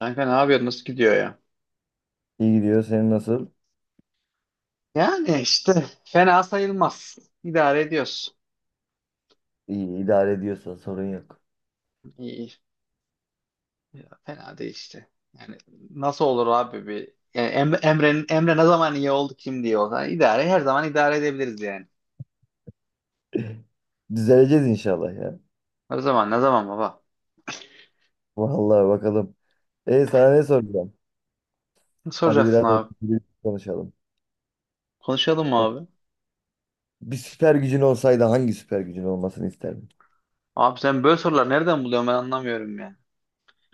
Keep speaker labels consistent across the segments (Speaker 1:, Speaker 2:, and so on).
Speaker 1: Kanka ne yapıyorsun? Nasıl gidiyor ya?
Speaker 2: İyi gidiyor. Senin nasıl?
Speaker 1: Yani işte fena sayılmaz. İdare ediyoruz.
Speaker 2: İyi idare ediyorsa sorun yok.
Speaker 1: İyi. İyi. Ya, fena değil işte. Yani nasıl olur abi bir yani Emre ne zaman iyi oldu kim diye olsa idare her zaman idare edebiliriz yani.
Speaker 2: Düzeleceğiz inşallah ya.
Speaker 1: Her zaman ne zaman baba?
Speaker 2: Vallahi bakalım. Sana ne soracağım?
Speaker 1: Ne
Speaker 2: Hadi
Speaker 1: soracaksın
Speaker 2: biraz
Speaker 1: abi?
Speaker 2: konuşalım.
Speaker 1: Konuşalım mı abi?
Speaker 2: Bir süper gücün olsaydı hangi süper gücün olmasını isterdin?
Speaker 1: Abi sen böyle sorular nereden buluyorsun ben anlamıyorum ya.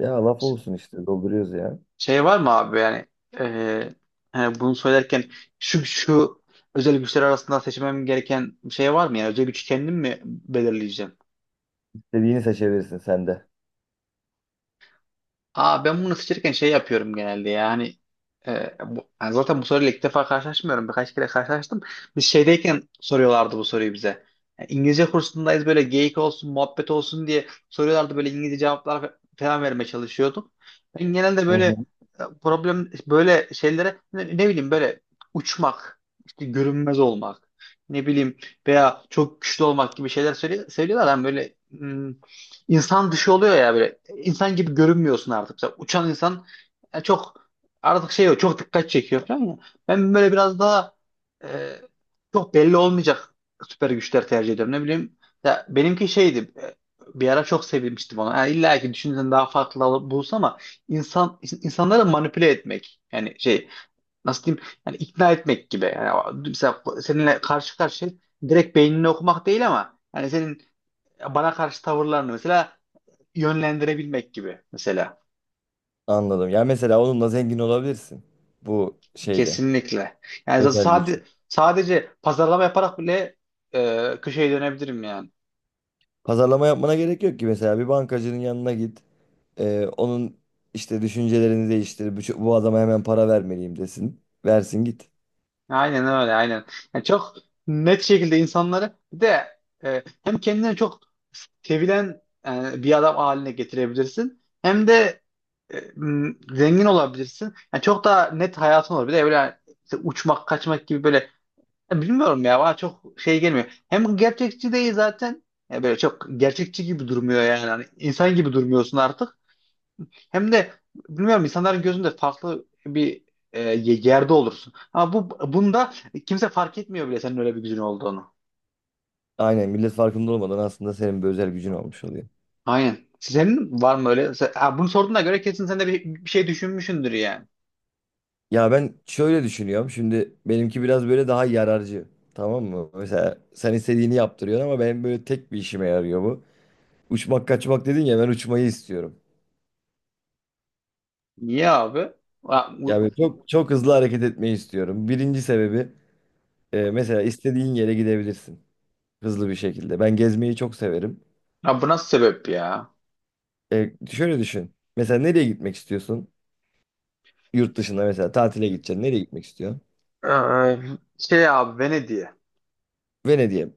Speaker 2: Ya laf olsun işte dolduruyoruz ya.
Speaker 1: Şey var mı abi yani eee, hani bunu söylerken şu özel güçler arasında seçmem gereken bir şey var mı? Yani özel güç kendim mi belirleyeceğim?
Speaker 2: İstediğini seçebilirsin sen de.
Speaker 1: Aa, ben bunu seçerken şey yapıyorum genelde yani bu, yani zaten bu soruyla ilk defa karşılaşmıyorum birkaç kere karşılaştım. Biz şeydeyken soruyorlardı bu soruyu bize. Yani İngilizce kursundayız böyle geyik olsun muhabbet olsun diye soruyorlardı böyle İngilizce cevaplar falan vermeye çalışıyordum. Ben genelde
Speaker 2: Hı
Speaker 1: böyle
Speaker 2: hı.
Speaker 1: problem böyle şeylere ne bileyim böyle uçmak işte görünmez olmak ne bileyim veya çok güçlü olmak gibi şeyler söylüyorlar. Ben böyle insan dışı oluyor ya böyle insan gibi görünmüyorsun artık. Mesela uçan insan çok artık şey yok çok dikkat çekiyor falan ya. Ben böyle biraz daha e, çok belli olmayacak süper güçler tercih ediyorum. Ne bileyim ya benimki şeydi bir ara çok sevinmiştim onu. Ha, illa ki düşünsen daha farklı alıp bulsa ama insanları manipüle etmek yani şey nasıl diyeyim yani ikna etmek gibi. Yani mesela seninle karşı karşıya direkt beynini okumak değil ama yani senin bana karşı tavırlarını mesela yönlendirebilmek gibi mesela.
Speaker 2: Anladım. Ya mesela onunla zengin olabilirsin. Bu şeyle.
Speaker 1: Kesinlikle. Yani
Speaker 2: Özel güç.
Speaker 1: sadece pazarlama yaparak bile köşeye dönebilirim yani.
Speaker 2: Pazarlama yapmana gerek yok ki mesela bir bankacının yanına git. Onun işte düşüncelerini değiştir. Bu adama hemen para vermeliyim desin. Versin git.
Speaker 1: Aynen öyle, aynen. Yani çok net şekilde insanları bir de hem kendini çok sevilen bir adam haline getirebilirsin. Hem de zengin olabilirsin. Yani çok daha net hayatın olur. Bir de böyle işte uçmak, kaçmak gibi böyle. Ya, bilmiyorum ya bana çok şey gelmiyor. Hem gerçekçi değil zaten. Ya böyle çok gerçekçi gibi durmuyor yani. Hani insan gibi durmuyorsun artık. Hem de bilmiyorum insanların gözünde farklı bir e, yerde olursun. Ama bunda kimse fark etmiyor bile senin öyle bir gücün olduğunu.
Speaker 2: Aynen millet farkında olmadan aslında senin bir özel gücün olmuş oluyor.
Speaker 1: Aynen. Senin var mı öyle? Ha, bunu sorduğuna göre kesin sen de bir şey düşünmüşsündür yani.
Speaker 2: Ya ben şöyle düşünüyorum. Şimdi benimki biraz böyle daha yararcı. Tamam mı? Mesela sen istediğini yaptırıyorsun ama benim böyle tek bir işime yarıyor bu. Uçmak kaçmak dedin ya ben uçmayı istiyorum.
Speaker 1: Niye abi? Ha,
Speaker 2: Ya böyle çok çok hızlı hareket etmeyi istiyorum. Birinci sebebi mesela istediğin yere gidebilirsin. Hızlı bir şekilde. Ben gezmeyi çok severim.
Speaker 1: bu nasıl sebep ya?
Speaker 2: Şöyle düşün. Mesela nereye gitmek istiyorsun? Yurt dışında mesela tatile gideceksin. Nereye gitmek istiyorsun?
Speaker 1: Ee, şey abi, Venedik'e.
Speaker 2: Venedik'e.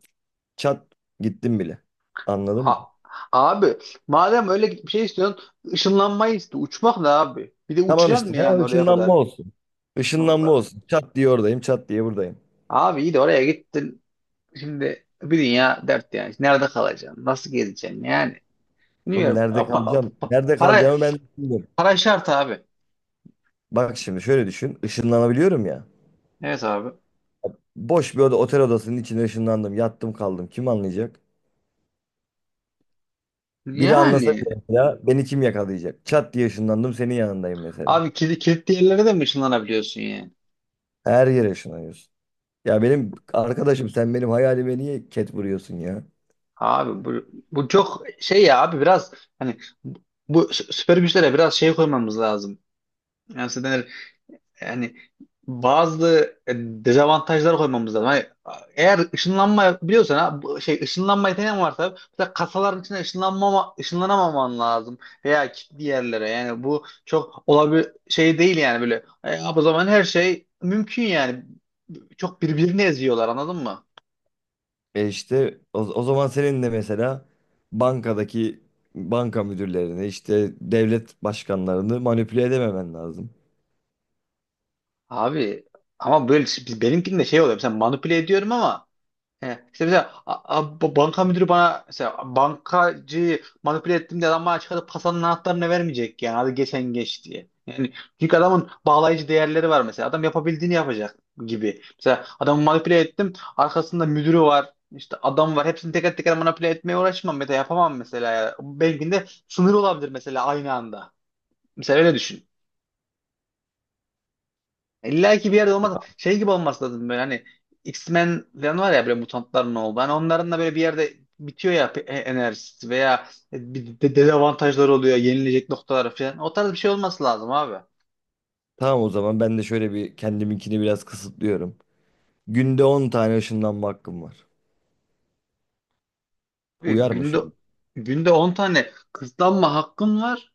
Speaker 2: Çat gittim bile. Anladın mı?
Speaker 1: Ha, abi madem öyle bir şey istiyorsun ışınlanmayı iste. Uçmak da abi. Bir de
Speaker 2: Tamam işte
Speaker 1: uçacaksın mı
Speaker 2: ya
Speaker 1: yani oraya
Speaker 2: ışınlanma
Speaker 1: kadar?
Speaker 2: olsun. Işınlanma
Speaker 1: Allah.
Speaker 2: olsun. Çat diye oradayım, çat diye buradayım.
Speaker 1: Abi iyi de oraya gittin. Şimdi bir dünya dert yani. Nerede kalacaksın? Nasıl gezeceksin? Yani
Speaker 2: Oğlum
Speaker 1: bilmiyorum.
Speaker 2: nerede
Speaker 1: Pa- pa-
Speaker 2: kalacağım?
Speaker 1: pa-
Speaker 2: Nerede
Speaker 1: para,
Speaker 2: kalacağımı ben düşünüyorum.
Speaker 1: para şart abi.
Speaker 2: Bak şimdi şöyle düşün. Işınlanabiliyorum ya.
Speaker 1: Evet abi.
Speaker 2: Boş bir oda, otel odasının içine ışınlandım. Yattım kaldım. Kim anlayacak? Biri anlasa
Speaker 1: Yani
Speaker 2: bile mesela beni kim yakalayacak? Çat diye ışınlandım senin yanındayım mesela.
Speaker 1: abi kilitli yerlere de mi ışınlanabiliyorsun yani?
Speaker 2: Her yere şınıyorsun. Ya benim arkadaşım sen benim hayalime niye ket vuruyorsun ya?
Speaker 1: Abi bu çok şey ya abi biraz hani bu süper güçlere biraz şey koymamız lazım. Yani Yani bazı dezavantajlar koymamız lazım. Hani, eğer ışınlanma biliyorsan ha, bu şey ışınlanma yeteneğin varsa mesela kasaların içine ışınlanamaman lazım veya kilitli yerlere. Yani bu çok olabil şey değil yani böyle. O zaman her şey mümkün yani. Çok birbirini eziyorlar anladın mı?
Speaker 2: E işte o zaman senin de mesela bankadaki banka müdürlerini işte devlet başkanlarını manipüle edememen lazım.
Speaker 1: Abi ama böyle benimkinde şey oluyor. Mesela manipüle ediyorum ama. He. İşte mesela banka müdürü bana mesela bankacıyı manipüle ettim diye adam bana çıkarıp kasanın anahtarını vermeyecek yani hadi geçen geç diye. Yani çünkü adamın bağlayıcı değerleri var mesela. Adam yapabildiğini yapacak gibi. Mesela adamı manipüle ettim. Arkasında müdürü var. İşte adam var. Hepsini teker teker manipüle etmeye uğraşmam. Mesela yapamam mesela. Yani. Belki de sınır olabilir mesela aynı anda. Mesela öyle düşün. İlla ki bir yerde olmaz. Şey gibi olması lazım böyle hani X-Men falan var ya böyle mutantların oldu. Hani onların da böyle bir yerde bitiyor ya enerjisi veya bir dezavantajları oluyor, yenilecek noktalar falan. O tarz bir şey olması lazım abi.
Speaker 2: Tamam o zaman ben de şöyle bir kendiminkini biraz kısıtlıyorum. Günde 10 tane ışınlanma hakkım var.
Speaker 1: Abi
Speaker 2: Uyar mı
Speaker 1: günde
Speaker 2: şimdi?
Speaker 1: günde 10 tane kısıtlanma hakkın var.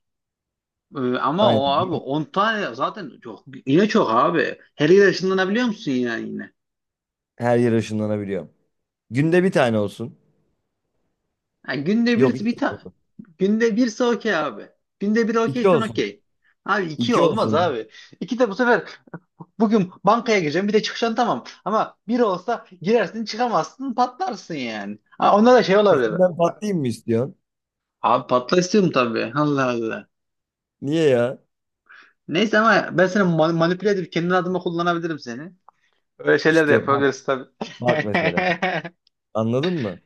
Speaker 1: Ama
Speaker 2: Aynen.
Speaker 1: o abi 10 tane zaten çok yine çok abi. Her yere ışınlanabiliyor musun yani yine?
Speaker 2: Her yere ışınlanabiliyorum. Günde bir tane olsun.
Speaker 1: Ha,
Speaker 2: Yok iki tane.
Speaker 1: günde birse okey abi. Günde bir
Speaker 2: İki
Speaker 1: okeysen
Speaker 2: olsun.
Speaker 1: okey. Abi iki
Speaker 2: İki
Speaker 1: olmaz
Speaker 2: olsun.
Speaker 1: abi. İki de bu sefer bugün bankaya gireceğim bir de çıkacaksın tamam. Ama bir olsa girersin çıkamazsın patlarsın yani. Ha, onda da şey olabilir.
Speaker 2: Sesinden patlayayım mı istiyorsun?
Speaker 1: Abi patla istiyorum tabii. Allah Allah.
Speaker 2: Niye ya?
Speaker 1: Neyse ama ben seni manipüle edip kendi adıma kullanabilirim seni. Öyle şeyler de
Speaker 2: İşte
Speaker 1: yapabiliriz tabii.
Speaker 2: bak mesela. Anladın mı?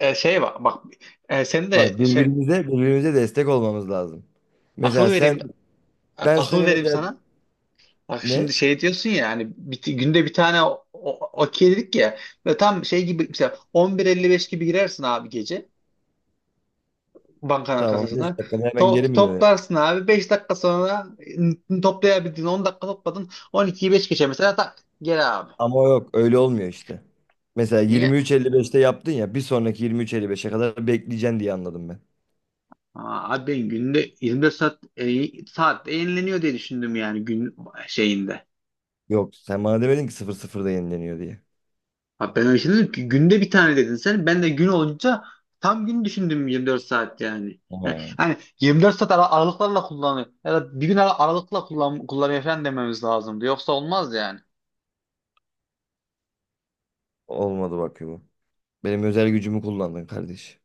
Speaker 1: Şey bak bak sen
Speaker 2: Bak
Speaker 1: de şey
Speaker 2: birbirimize destek olmamız lazım.
Speaker 1: akıl
Speaker 2: Mesela sen
Speaker 1: vereyim
Speaker 2: ben
Speaker 1: akıl
Speaker 2: seni
Speaker 1: vereyim
Speaker 2: mesela
Speaker 1: sana. Bak şimdi
Speaker 2: ne?
Speaker 1: şey diyorsun ya hani günde bir tane okey dedik ya ve tam şey gibi mesela 11.55 gibi girersin abi gece bankanın
Speaker 2: Tamam
Speaker 1: kasasına.
Speaker 2: 5 dakikada hemen geri
Speaker 1: To-
Speaker 2: mi dönerim?
Speaker 1: toplarsın abi 5 dakika sonra toplayabildin 10 dakika topladın 12'yi 5 geçe mesela tak gel abi.
Speaker 2: Ama yok öyle olmuyor işte. Mesela
Speaker 1: Niye?
Speaker 2: 23.55'te yaptın ya bir sonraki 23.55'e kadar bekleyeceksin diye anladım ben.
Speaker 1: Aa, abi ben günde 24 saat yenileniyor diye düşündüm yani gün şeyinde.
Speaker 2: Yok sen bana demedin ki 00'da yenileniyor diye.
Speaker 1: Ha, ben öyle şey dedim ki günde bir tane dedin sen. Ben de gün olunca tam gün düşündüm 24 saat yani. Yani
Speaker 2: Ha.
Speaker 1: hani 24 saat aralıklarla kullanıyor. Ya da bir gün aralıkla kullanıyor falan dememiz lazımdı. Yoksa olmaz yani.
Speaker 2: Olmadı bak bu. Benim özel gücümü kullandın kardeş.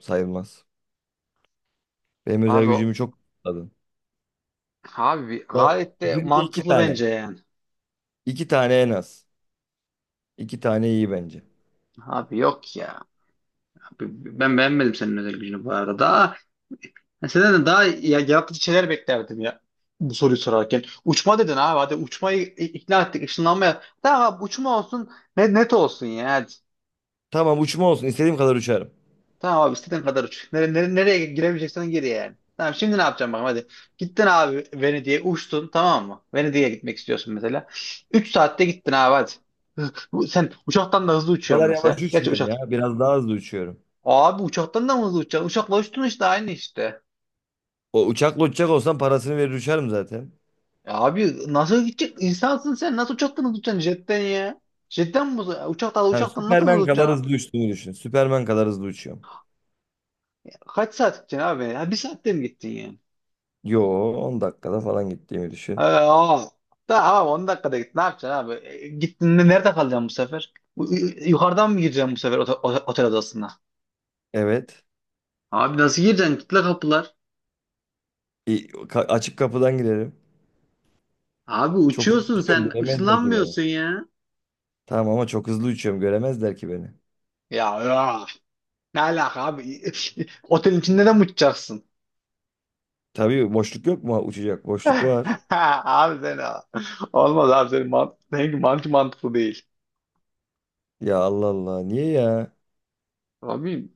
Speaker 2: Sayılmaz. Benim özel
Speaker 1: Abi
Speaker 2: gücümü çok kullandın.
Speaker 1: abi
Speaker 2: Ben
Speaker 1: gayet de
Speaker 2: günde iki
Speaker 1: mantıklı
Speaker 2: tane.
Speaker 1: bence yani.
Speaker 2: İki tane en az. İki tane iyi bence.
Speaker 1: Abi yok ya. Abi ben beğenmedim senin özel gücünü bu arada. Daha ben senden de daha ya, yaratıcı şeyler beklerdim ya bu soruyu sorarken. Uçma dedin abi hadi uçmayı ikna ettik ışınlanmaya. Tamam abi uçma olsun net olsun ya.
Speaker 2: Tamam uçma olsun. İstediğim kadar uçarım.
Speaker 1: Tamam abi istediğin kadar uç. Nereye giremeyeceksen gir yani. Tamam şimdi ne yapacağım bakalım hadi. Gittin abi Venedik'e uçtun tamam mı? Venedik'e gitmek istiyorsun mesela. 3 saatte gittin abi hadi. Hı, Sen uçaktan da hızlı
Speaker 2: O
Speaker 1: uçuyorsun
Speaker 2: kadar yavaş
Speaker 1: mesela. Gerçi
Speaker 2: uçmuyorum ya.
Speaker 1: uçak.
Speaker 2: Biraz daha hızlı uçuyorum.
Speaker 1: Abi uçaktan da mı hızlı uçacaksın? Uçakla uçtun işte aynı işte.
Speaker 2: O uçakla uçacak olsam parasını verir uçarım zaten.
Speaker 1: Ya, abi nasıl gidecek? İnsansın sen. Nasıl uçaktan hızlı uçacaksın jetten ya? Jetten mi? Uçaktan,
Speaker 2: Yani
Speaker 1: uçaktan nasıl hızlı
Speaker 2: Süpermen
Speaker 1: uçacaksın
Speaker 2: kadar
Speaker 1: abi?
Speaker 2: hızlı uçtuğumu düşün. Süpermen kadar hızlı uçuyorum.
Speaker 1: Kaç saat gideceksin abi? Ya bir saatte mi gittin ya?
Speaker 2: Yo, 10 dakikada falan gittiğimi düşün.
Speaker 1: O. Da, abi 10 dakikada git. Ne yapacaksın abi? Gittin de nerede kalacaksın bu sefer? Yukarıdan mı gireceksin bu sefer otel odasına?
Speaker 2: Evet.
Speaker 1: Abi nasıl gireceksin? Kitle kapılar.
Speaker 2: Açık kapıdan girerim.
Speaker 1: Abi
Speaker 2: Çok hızlı
Speaker 1: uçuyorsun
Speaker 2: uçuyorum
Speaker 1: sen.
Speaker 2: göremezler ki beni.
Speaker 1: ışınlanmıyorsun ya.
Speaker 2: Tamam ama çok hızlı uçuyorum göremezler ki beni.
Speaker 1: Ya, ya. Ne alaka abi? Otelin içinde de mi uçacaksın?
Speaker 2: Tabii boşluk yok mu uçacak? Boşluk var.
Speaker 1: Abi sen olmaz abi senin seninki mantıklı değil.
Speaker 2: Ya, Allah Allah, niye ya?
Speaker 1: Abi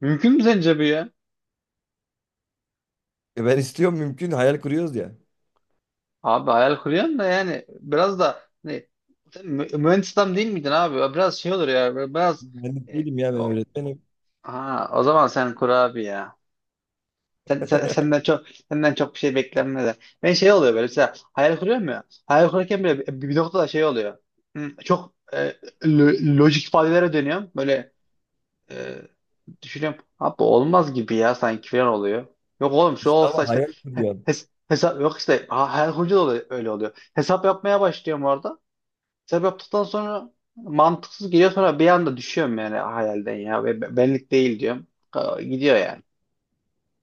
Speaker 1: mümkün mü sence bu ya?
Speaker 2: Ben istiyorum, mümkün, hayal kuruyoruz ya.
Speaker 1: Abi hayal kuruyorsun da yani biraz da hani, sen mühendis adam değil miydin abi? Biraz şey olur ya böyle biraz.
Speaker 2: Ben
Speaker 1: e,
Speaker 2: değilim ya, ben
Speaker 1: o,
Speaker 2: öğretmenim.
Speaker 1: ha, o zaman sen kur abi ya. Senden çok bir şey beklenmez ya. Ben şey oluyor böyle mesela hayal kuruyorum ya. Hayal kurarken bile bir noktada şey oluyor. Hı, çok lojik ifadelere dönüyorum. Böyle e, düşünüyorum. Abi olmaz gibi ya sanki falan oluyor. Yok oğlum şu
Speaker 2: İşte
Speaker 1: olsa
Speaker 2: ama
Speaker 1: işte
Speaker 2: hayal kuruyor.
Speaker 1: hesap yok işte her hoca da öyle oluyor. Hesap yapmaya başlıyorum orada. Hesap yaptıktan sonra mantıksız geliyor sonra bir anda düşüyorum yani hayalden ya. Ve benlik değil diyorum. Gidiyor yani.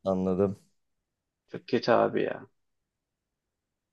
Speaker 2: Anladım.
Speaker 1: Çok kötü abi ya.